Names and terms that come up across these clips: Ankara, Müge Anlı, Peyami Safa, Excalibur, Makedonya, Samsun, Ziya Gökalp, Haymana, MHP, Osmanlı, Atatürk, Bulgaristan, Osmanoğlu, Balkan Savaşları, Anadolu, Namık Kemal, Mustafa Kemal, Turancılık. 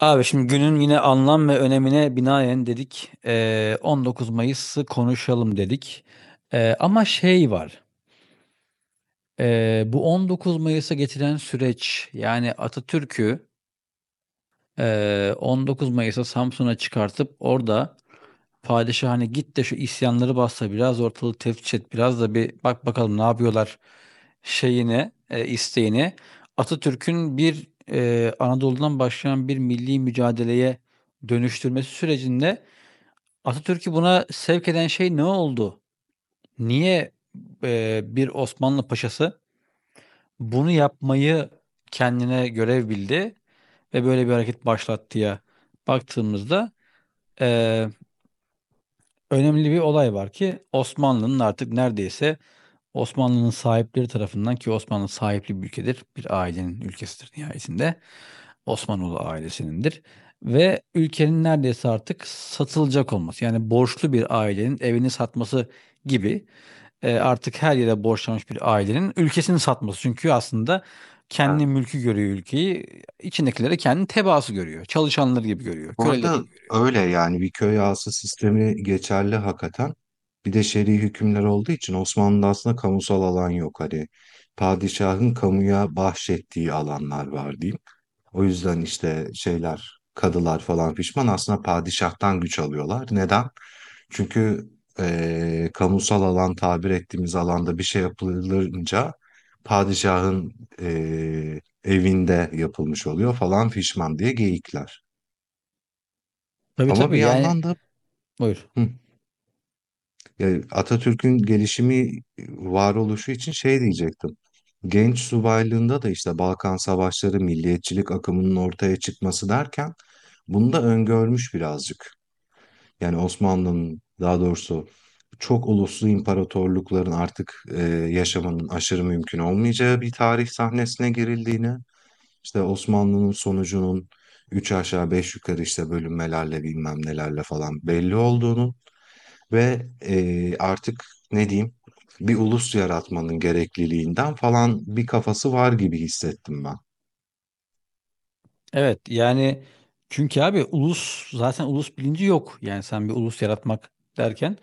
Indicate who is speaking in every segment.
Speaker 1: Abi şimdi günün yine anlam ve önemine binaen dedik, 19 Mayıs'ı konuşalım dedik. Ama şey var, bu 19 Mayıs'a getiren süreç, yani Atatürk'ü, 19 Mayıs'a Samsun'a çıkartıp orada Padişah hani git de şu isyanları bassa biraz ortalığı teftiş et biraz da bir bak bakalım ne yapıyorlar şeyini isteğini. Atatürk'ün bir Anadolu'dan başlayan bir milli mücadeleye dönüştürmesi sürecinde Atatürk'ü buna sevk eden şey ne oldu? Niye bir Osmanlı paşası bunu yapmayı kendine görev bildi ve böyle bir hareket başlattı ya baktığımızda e, önemli bir olay var ki Osmanlı'nın artık neredeyse Osmanlı'nın sahipleri tarafından ki Osmanlı sahipli bir ülkedir. Bir ailenin ülkesidir nihayetinde. Osmanoğlu ailesinindir. Ve ülkenin neredeyse artık satılacak olması yani borçlu bir ailenin evini satması gibi artık her yere borçlanmış bir ailenin ülkesini satması. Çünkü aslında kendi
Speaker 2: Evet.
Speaker 1: mülkü görüyor ülkeyi içindekileri kendi tebaası görüyor. Çalışanları gibi görüyor,
Speaker 2: Bu
Speaker 1: köleleri
Speaker 2: arada
Speaker 1: gibi görüyor.
Speaker 2: öyle yani bir köy ağası sistemi geçerli hakikaten. Bir de şer'i hükümler olduğu için Osmanlı'da aslında kamusal alan yok. Hani padişahın kamuya bahşettiği alanlar var diyeyim. O yüzden işte şeyler, kadılar falan pişman aslında padişahtan güç alıyorlar. Neden? Çünkü kamusal alan tabir ettiğimiz alanda bir şey yapılınca padişahın evinde yapılmış oluyor falan fişman diye geyikler.
Speaker 1: Tabii
Speaker 2: Ama bir
Speaker 1: tabii, yani
Speaker 2: yandan da
Speaker 1: buyur.
Speaker 2: Hıh. Ya, Atatürk'ün gelişimi, varoluşu için şey diyecektim. Genç subaylığında da işte Balkan Savaşları, milliyetçilik akımının ortaya çıkması derken bunu da öngörmüş birazcık. Yani Osmanlı'nın daha doğrusu çok uluslu imparatorlukların artık yaşamanın aşırı mümkün olmayacağı bir tarih sahnesine girildiğini, işte Osmanlı'nın sonucunun üç aşağı beş yukarı işte bölünmelerle bilmem nelerle falan belli olduğunu. Ve, artık ne diyeyim, bir ulus yaratmanın gerekliliğinden falan bir kafası var gibi hissettim ben.
Speaker 1: Evet, yani çünkü abi ulus zaten ulus bilinci yok. Yani sen bir ulus yaratmak derken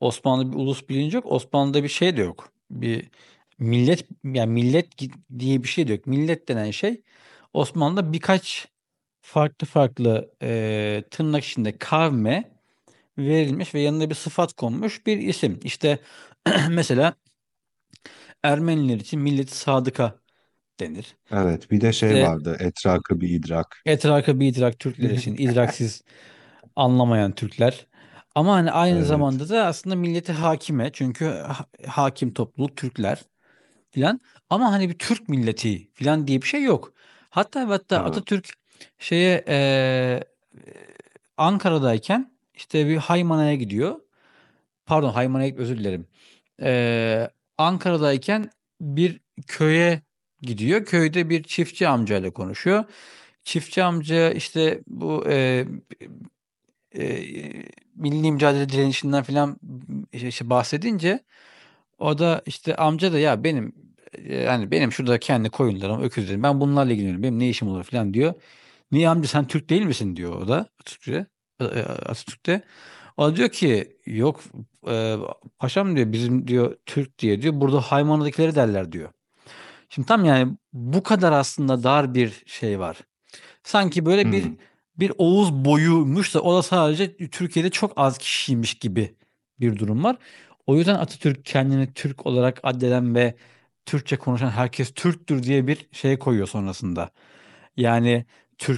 Speaker 1: Osmanlı'da bir ulus bilinci yok. Osmanlı'da bir şey de yok. Bir millet yani diye bir şey de yok. Millet denen şey Osmanlı'da birkaç farklı farklı tırnak içinde kavme verilmiş ve yanına bir sıfat konmuş bir isim. İşte mesela Ermeniler için milleti sadıka denir.
Speaker 2: Evet, bir de şey
Speaker 1: İşte
Speaker 2: vardı, "Etraka bir idrak."
Speaker 1: etraka bir idrak Türkler için idraksiz anlamayan Türkler. Ama hani aynı
Speaker 2: Evet,
Speaker 1: zamanda da aslında milleti hakime çünkü hakim topluluk Türkler filan. Ama hani bir Türk milleti filan diye bir şey yok. Hatta ve hatta
Speaker 2: tabii.
Speaker 1: Atatürk şeye Ankara'dayken işte bir Haymana'ya gidiyor. Pardon Haymana'ya gitmiyor, özür dilerim. Eee, Ankara'dayken bir köye gidiyor. Köyde bir çiftçi amcayla konuşuyor. Çiftçi amca işte bu Eee, milli mücadele direnişinden filan, işte, bahsedince o da, işte, amca da "Ya, benim, hani, benim şurada kendi koyunlarım, öküzlerim, ben bunlarla ilgileniyorum, benim ne işim olur?" filan diyor. "Niye amca sen Türk değil misin?" diyor o da Atatürk'e, Atatürk'te. O da diyor ki "Yok, eee, paşam" diyor, "bizim" diyor, "Türk diye" diyor, "burada Haymano'dakileri derler." diyor. Şimdi tam, yani, bu kadar aslında dar bir şey var sanki böyle bir
Speaker 2: Hımm.
Speaker 1: Oğuz boyuymuş da o da sadece Türkiye'de çok az kişiymiş gibi bir durum var. O yüzden Atatürk kendini Türk olarak addeden ve Türkçe konuşan herkes Türktür diye bir şey koyuyor sonrasında. Yani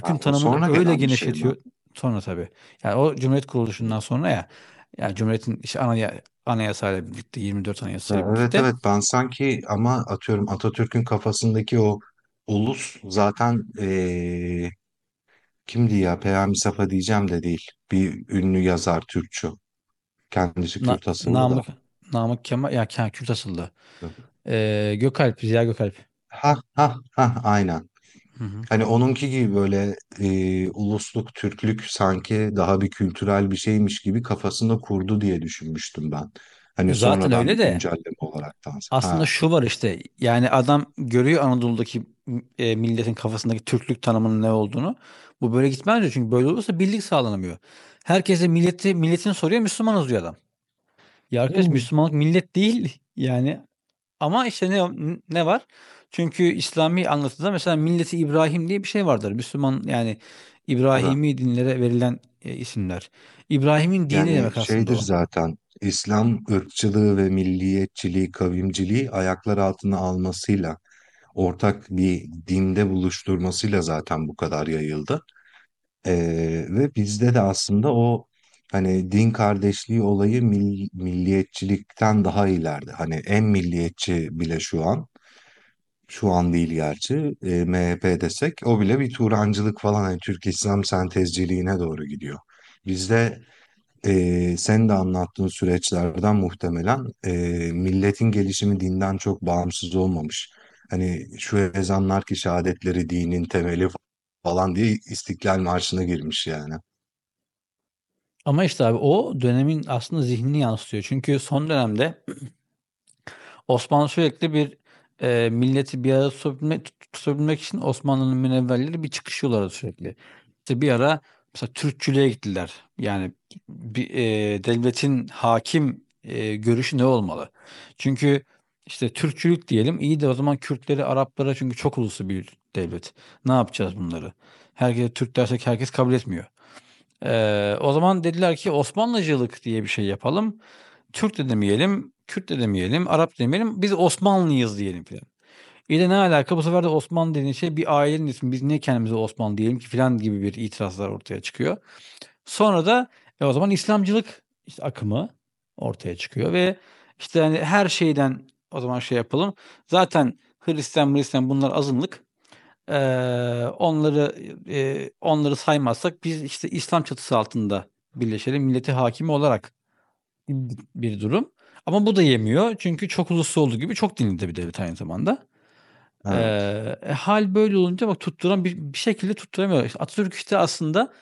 Speaker 2: A, o
Speaker 1: tanımını
Speaker 2: sonra
Speaker 1: öyle
Speaker 2: gelen bir şey mi?
Speaker 1: genişletiyor sonra tabii. Yani o Cumhuriyet
Speaker 2: Hıı.
Speaker 1: kuruluşundan sonra ya yani Cumhuriyet'in işte anayasayla birlikte 24
Speaker 2: Ya,
Speaker 1: anayasayla
Speaker 2: evet,
Speaker 1: birlikte
Speaker 2: evet, ben sanki ama atıyorum Atatürk'ün kafasındaki o ulus zaten kimdi ya, Peyami Safa diyeceğim de değil. Bir ünlü yazar Türkçü. Kendisi Kürt asıllı da.
Speaker 1: Namık Kemal ya Kürt asıllı. Gökalp Ziya Gökalp.
Speaker 2: Ha ha ha, aynen.
Speaker 1: Hı hı.
Speaker 2: Hani onunki gibi böyle ulusluk, Türklük sanki daha bir kültürel bir şeymiş gibi kafasında kurdu diye düşünmüştüm ben. Hani
Speaker 1: Zaten
Speaker 2: sonradan
Speaker 1: öyle
Speaker 2: bir
Speaker 1: de
Speaker 2: güncelleme olaraktan.
Speaker 1: aslında
Speaker 2: Ha.
Speaker 1: şu var işte yani adam görüyor Anadolu'daki milletin kafasındaki Türklük tanımının ne olduğunu. Bu böyle gitmez diyor çünkü böyle olursa birlik sağlanamıyor. Herkese milleti milletini soruyor Müslümanız diyor adam. Ya arkadaş
Speaker 2: Hı.
Speaker 1: Müslümanlık millet değil yani. Ama işte ne var? Çünkü İslami anlatıda mesela Milleti İbrahim diye bir şey vardır. Müslüman yani
Speaker 2: Tabii.
Speaker 1: İbrahimi dinlere verilen isimler. İbrahim'in dini
Speaker 2: Yani,
Speaker 1: demek aslında
Speaker 2: şeydir
Speaker 1: o.
Speaker 2: zaten, İslam ırkçılığı ve milliyetçiliği, kavimciliği ayaklar altına almasıyla, ortak bir dinde buluşturmasıyla zaten bu kadar yayıldı. Ve bizde de aslında o, hani, din kardeşliği olayı milliyetçilikten daha ileride. Hani, en milliyetçi bile şu an, şu an değil gerçi, MHP desek o bile bir Turancılık falan, hani, Türk-İslam sentezciliğine doğru gidiyor. Bizde senin de anlattığın süreçlerden muhtemelen milletin gelişimi dinden çok bağımsız olmamış. Hani şu ezanlar ki şehadetleri dinin temeli falan diye İstiklal Marşı'na girmiş yani.
Speaker 1: Ama işte abi o dönemin aslında zihnini yansıtıyor. Çünkü son dönemde Osmanlı sürekli bir milleti bir arada tutabilmek için Osmanlı'nın münevverleri bir çıkışıyorlardı sürekli. İşte bir ara mesela Türkçülüğe gittiler. Yani bir, devletin hakim görüşü ne olmalı? Çünkü işte Türkçülük diyelim iyi de o zaman Kürtleri, Araplara çünkü çok uluslu bir devlet. Ne yapacağız bunları? Herkese Türk dersek herkes kabul etmiyor. O zaman dediler ki Osmanlıcılık diye bir şey yapalım. Türk de demeyelim, Kürt de demeyelim, Arap da demeyelim. Biz Osmanlıyız diyelim filan. İyi de ne alaka bu sefer de Osmanlı dediğin şey bir ailenin ismi. Biz niye kendimize Osmanlı diyelim ki filan gibi bir itirazlar ortaya çıkıyor. Sonra da o zaman İslamcılık işte akımı ortaya çıkıyor ve işte hani her şeyden o zaman şey yapalım. Zaten Hristiyan bunlar azınlık. Eee, onları, onları saymazsak biz, işte, İslam çatısı altında birleşelim, milleti hakimi olarak bir durum. Ama bu da yemiyor çünkü çok uluslu olduğu gibi çok dinli de bir devlet aynı zamanda.
Speaker 2: Evet.
Speaker 1: Hâl böyle olunca bak tutturan bir şekilde tutturamıyor. İşte, Atatürk, işte, aslında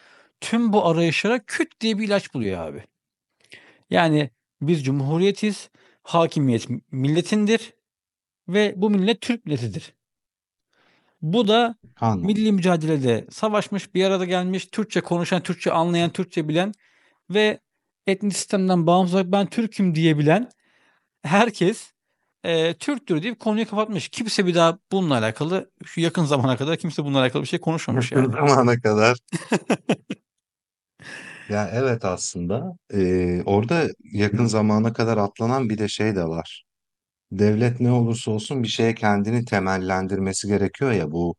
Speaker 1: tüm bu arayışlara küt diye bir ilaç buluyor abi. Yani biz cumhuriyetiz, hakimiyet milletindir ve bu millet Türk milletidir. Bu da
Speaker 2: Kanunu.
Speaker 1: milli mücadelede savaşmış, bir arada gelmiş, Türkçe konuşan, Türkçe anlayan, Türkçe bilen ve etnik sistemden bağımsız olarak ben Türk'üm diyebilen herkes Türktür deyip konuyu kapatmış. Kimse bir daha bununla alakalı şu yakın zamana kadar kimse bununla alakalı bir şey konuşmamış
Speaker 2: Yakın
Speaker 1: yani.
Speaker 2: zamana kadar. Ya evet, aslında orada yakın zamana kadar atlanan bir de şey de var. Devlet ne olursa olsun bir şeye kendini temellendirmesi gerekiyor ya, bu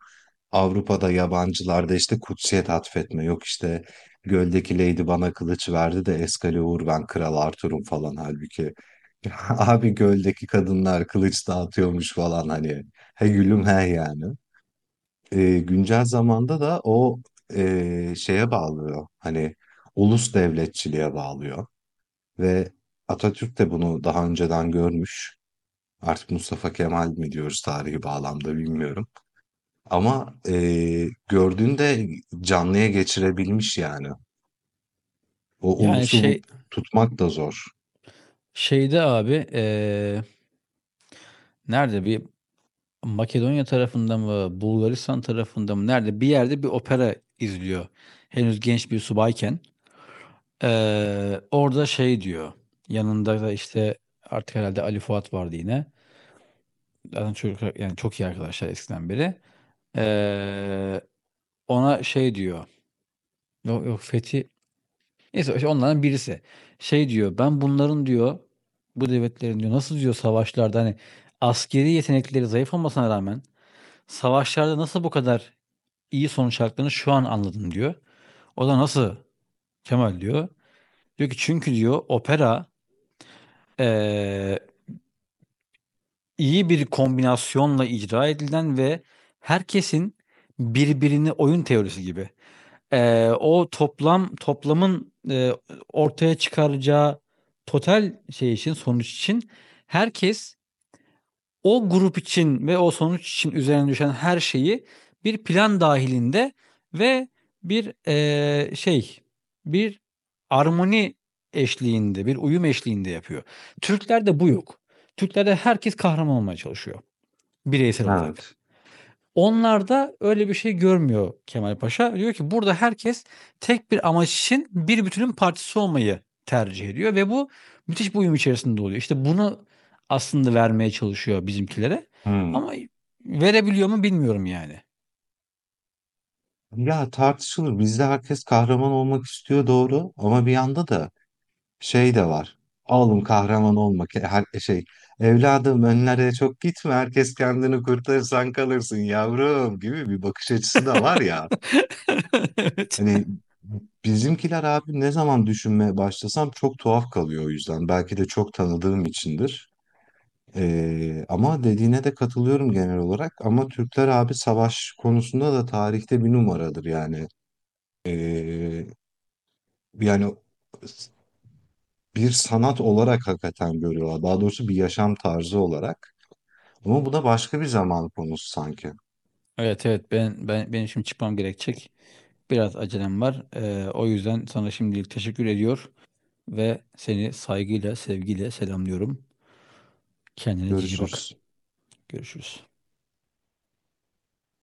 Speaker 2: Avrupa'da yabancılarda, işte, kutsiyet atfetme, yok, işte, göldeki lady bana kılıç verdi de Excalibur, ben Kral Arthur'um falan, halbuki abi göldeki kadınlar kılıç dağıtıyormuş falan hani. He gülüm he yani. Güncel zamanda da o, şeye bağlıyor, hani, ulus devletçiliğe bağlıyor ve Atatürk de bunu daha önceden görmüş. Artık Mustafa Kemal mi diyoruz tarihi bağlamda bilmiyorum. Ama, gördüğünde canlıya geçirebilmiş yani. O
Speaker 1: Yani
Speaker 2: ulusu bu
Speaker 1: şey
Speaker 2: tutmak da zor.
Speaker 1: şeyde abi nerede bir Makedonya tarafında mı Bulgaristan tarafında mı nerede bir yerde bir opera izliyor. Henüz genç bir subayken. Orada şey diyor, yanında da işte artık herhalde Ali Fuat vardı yine. Zaten çocuk yani çok iyi arkadaşlar eskiden beri. Eee, Ona şey diyor, yok Fethi, neyse işte onlardan birisi. Şey diyor, ben bunların diyor, bu devletlerin diyor, nasıl diyor savaşlarda hani askeri yetenekleri zayıf olmasına rağmen savaşlarda nasıl bu kadar iyi sonuç aldıklarını şu an anladım diyor. O da nasıl Kemal diyor. Diyor ki çünkü diyor opera, eee, iyi bir kombinasyonla icra edilen ve herkesin birbirini oyun teorisi gibi. O toplamın ortaya çıkaracağı total şey için sonuç için herkes o grup için ve o sonuç için üzerine düşen her şeyi bir plan dahilinde ve bir eee, şey bir armoni bir uyum eşliğinde yapıyor. Türklerde bu yok. Türklerde herkes kahraman olmaya çalışıyor bireysel olarak.
Speaker 2: Evet.
Speaker 1: Onlarda öyle bir şey görmüyor Kemal Paşa. Diyor ki burada herkes tek bir amaç için bir bütünün partisi olmayı tercih ediyor ve bu müthiş bir uyum içerisinde oluyor. İşte bunu aslında vermeye çalışıyor bizimkilere
Speaker 2: Hımm.
Speaker 1: ama verebiliyor mu bilmiyorum yani.
Speaker 2: Ya, tartışılır. Bizde herkes kahraman olmak istiyor, doğru, ama bir yanda da şey de var. "Oğlum kahraman olmak her şey, "Evladım önlere çok gitme, herkes kendini kurtarırsan kalırsın yavrum." gibi bir bakış açısı da var ya.
Speaker 1: Evet.
Speaker 2: Hani, bizimkiler abi ne zaman düşünmeye başlasam çok tuhaf kalıyor o yüzden. Belki de çok tanıdığım içindir. Ama dediğine de katılıyorum genel olarak, ama Türkler abi savaş konusunda da tarihte bir numaradır yani. Eee, yani bir sanat olarak hakikaten görüyorlar. Daha doğrusu bir yaşam tarzı olarak. Ama bu da başka bir zaman konusu sanki.
Speaker 1: Evet evet benim şimdi çıkmam gerekecek. Biraz acelem var. O yüzden sana şimdilik teşekkür ediyor. Ve seni saygıyla, sevgiyle selamlıyorum. Kendine cici bak.
Speaker 2: Görüşürüz.
Speaker 1: Görüşürüz.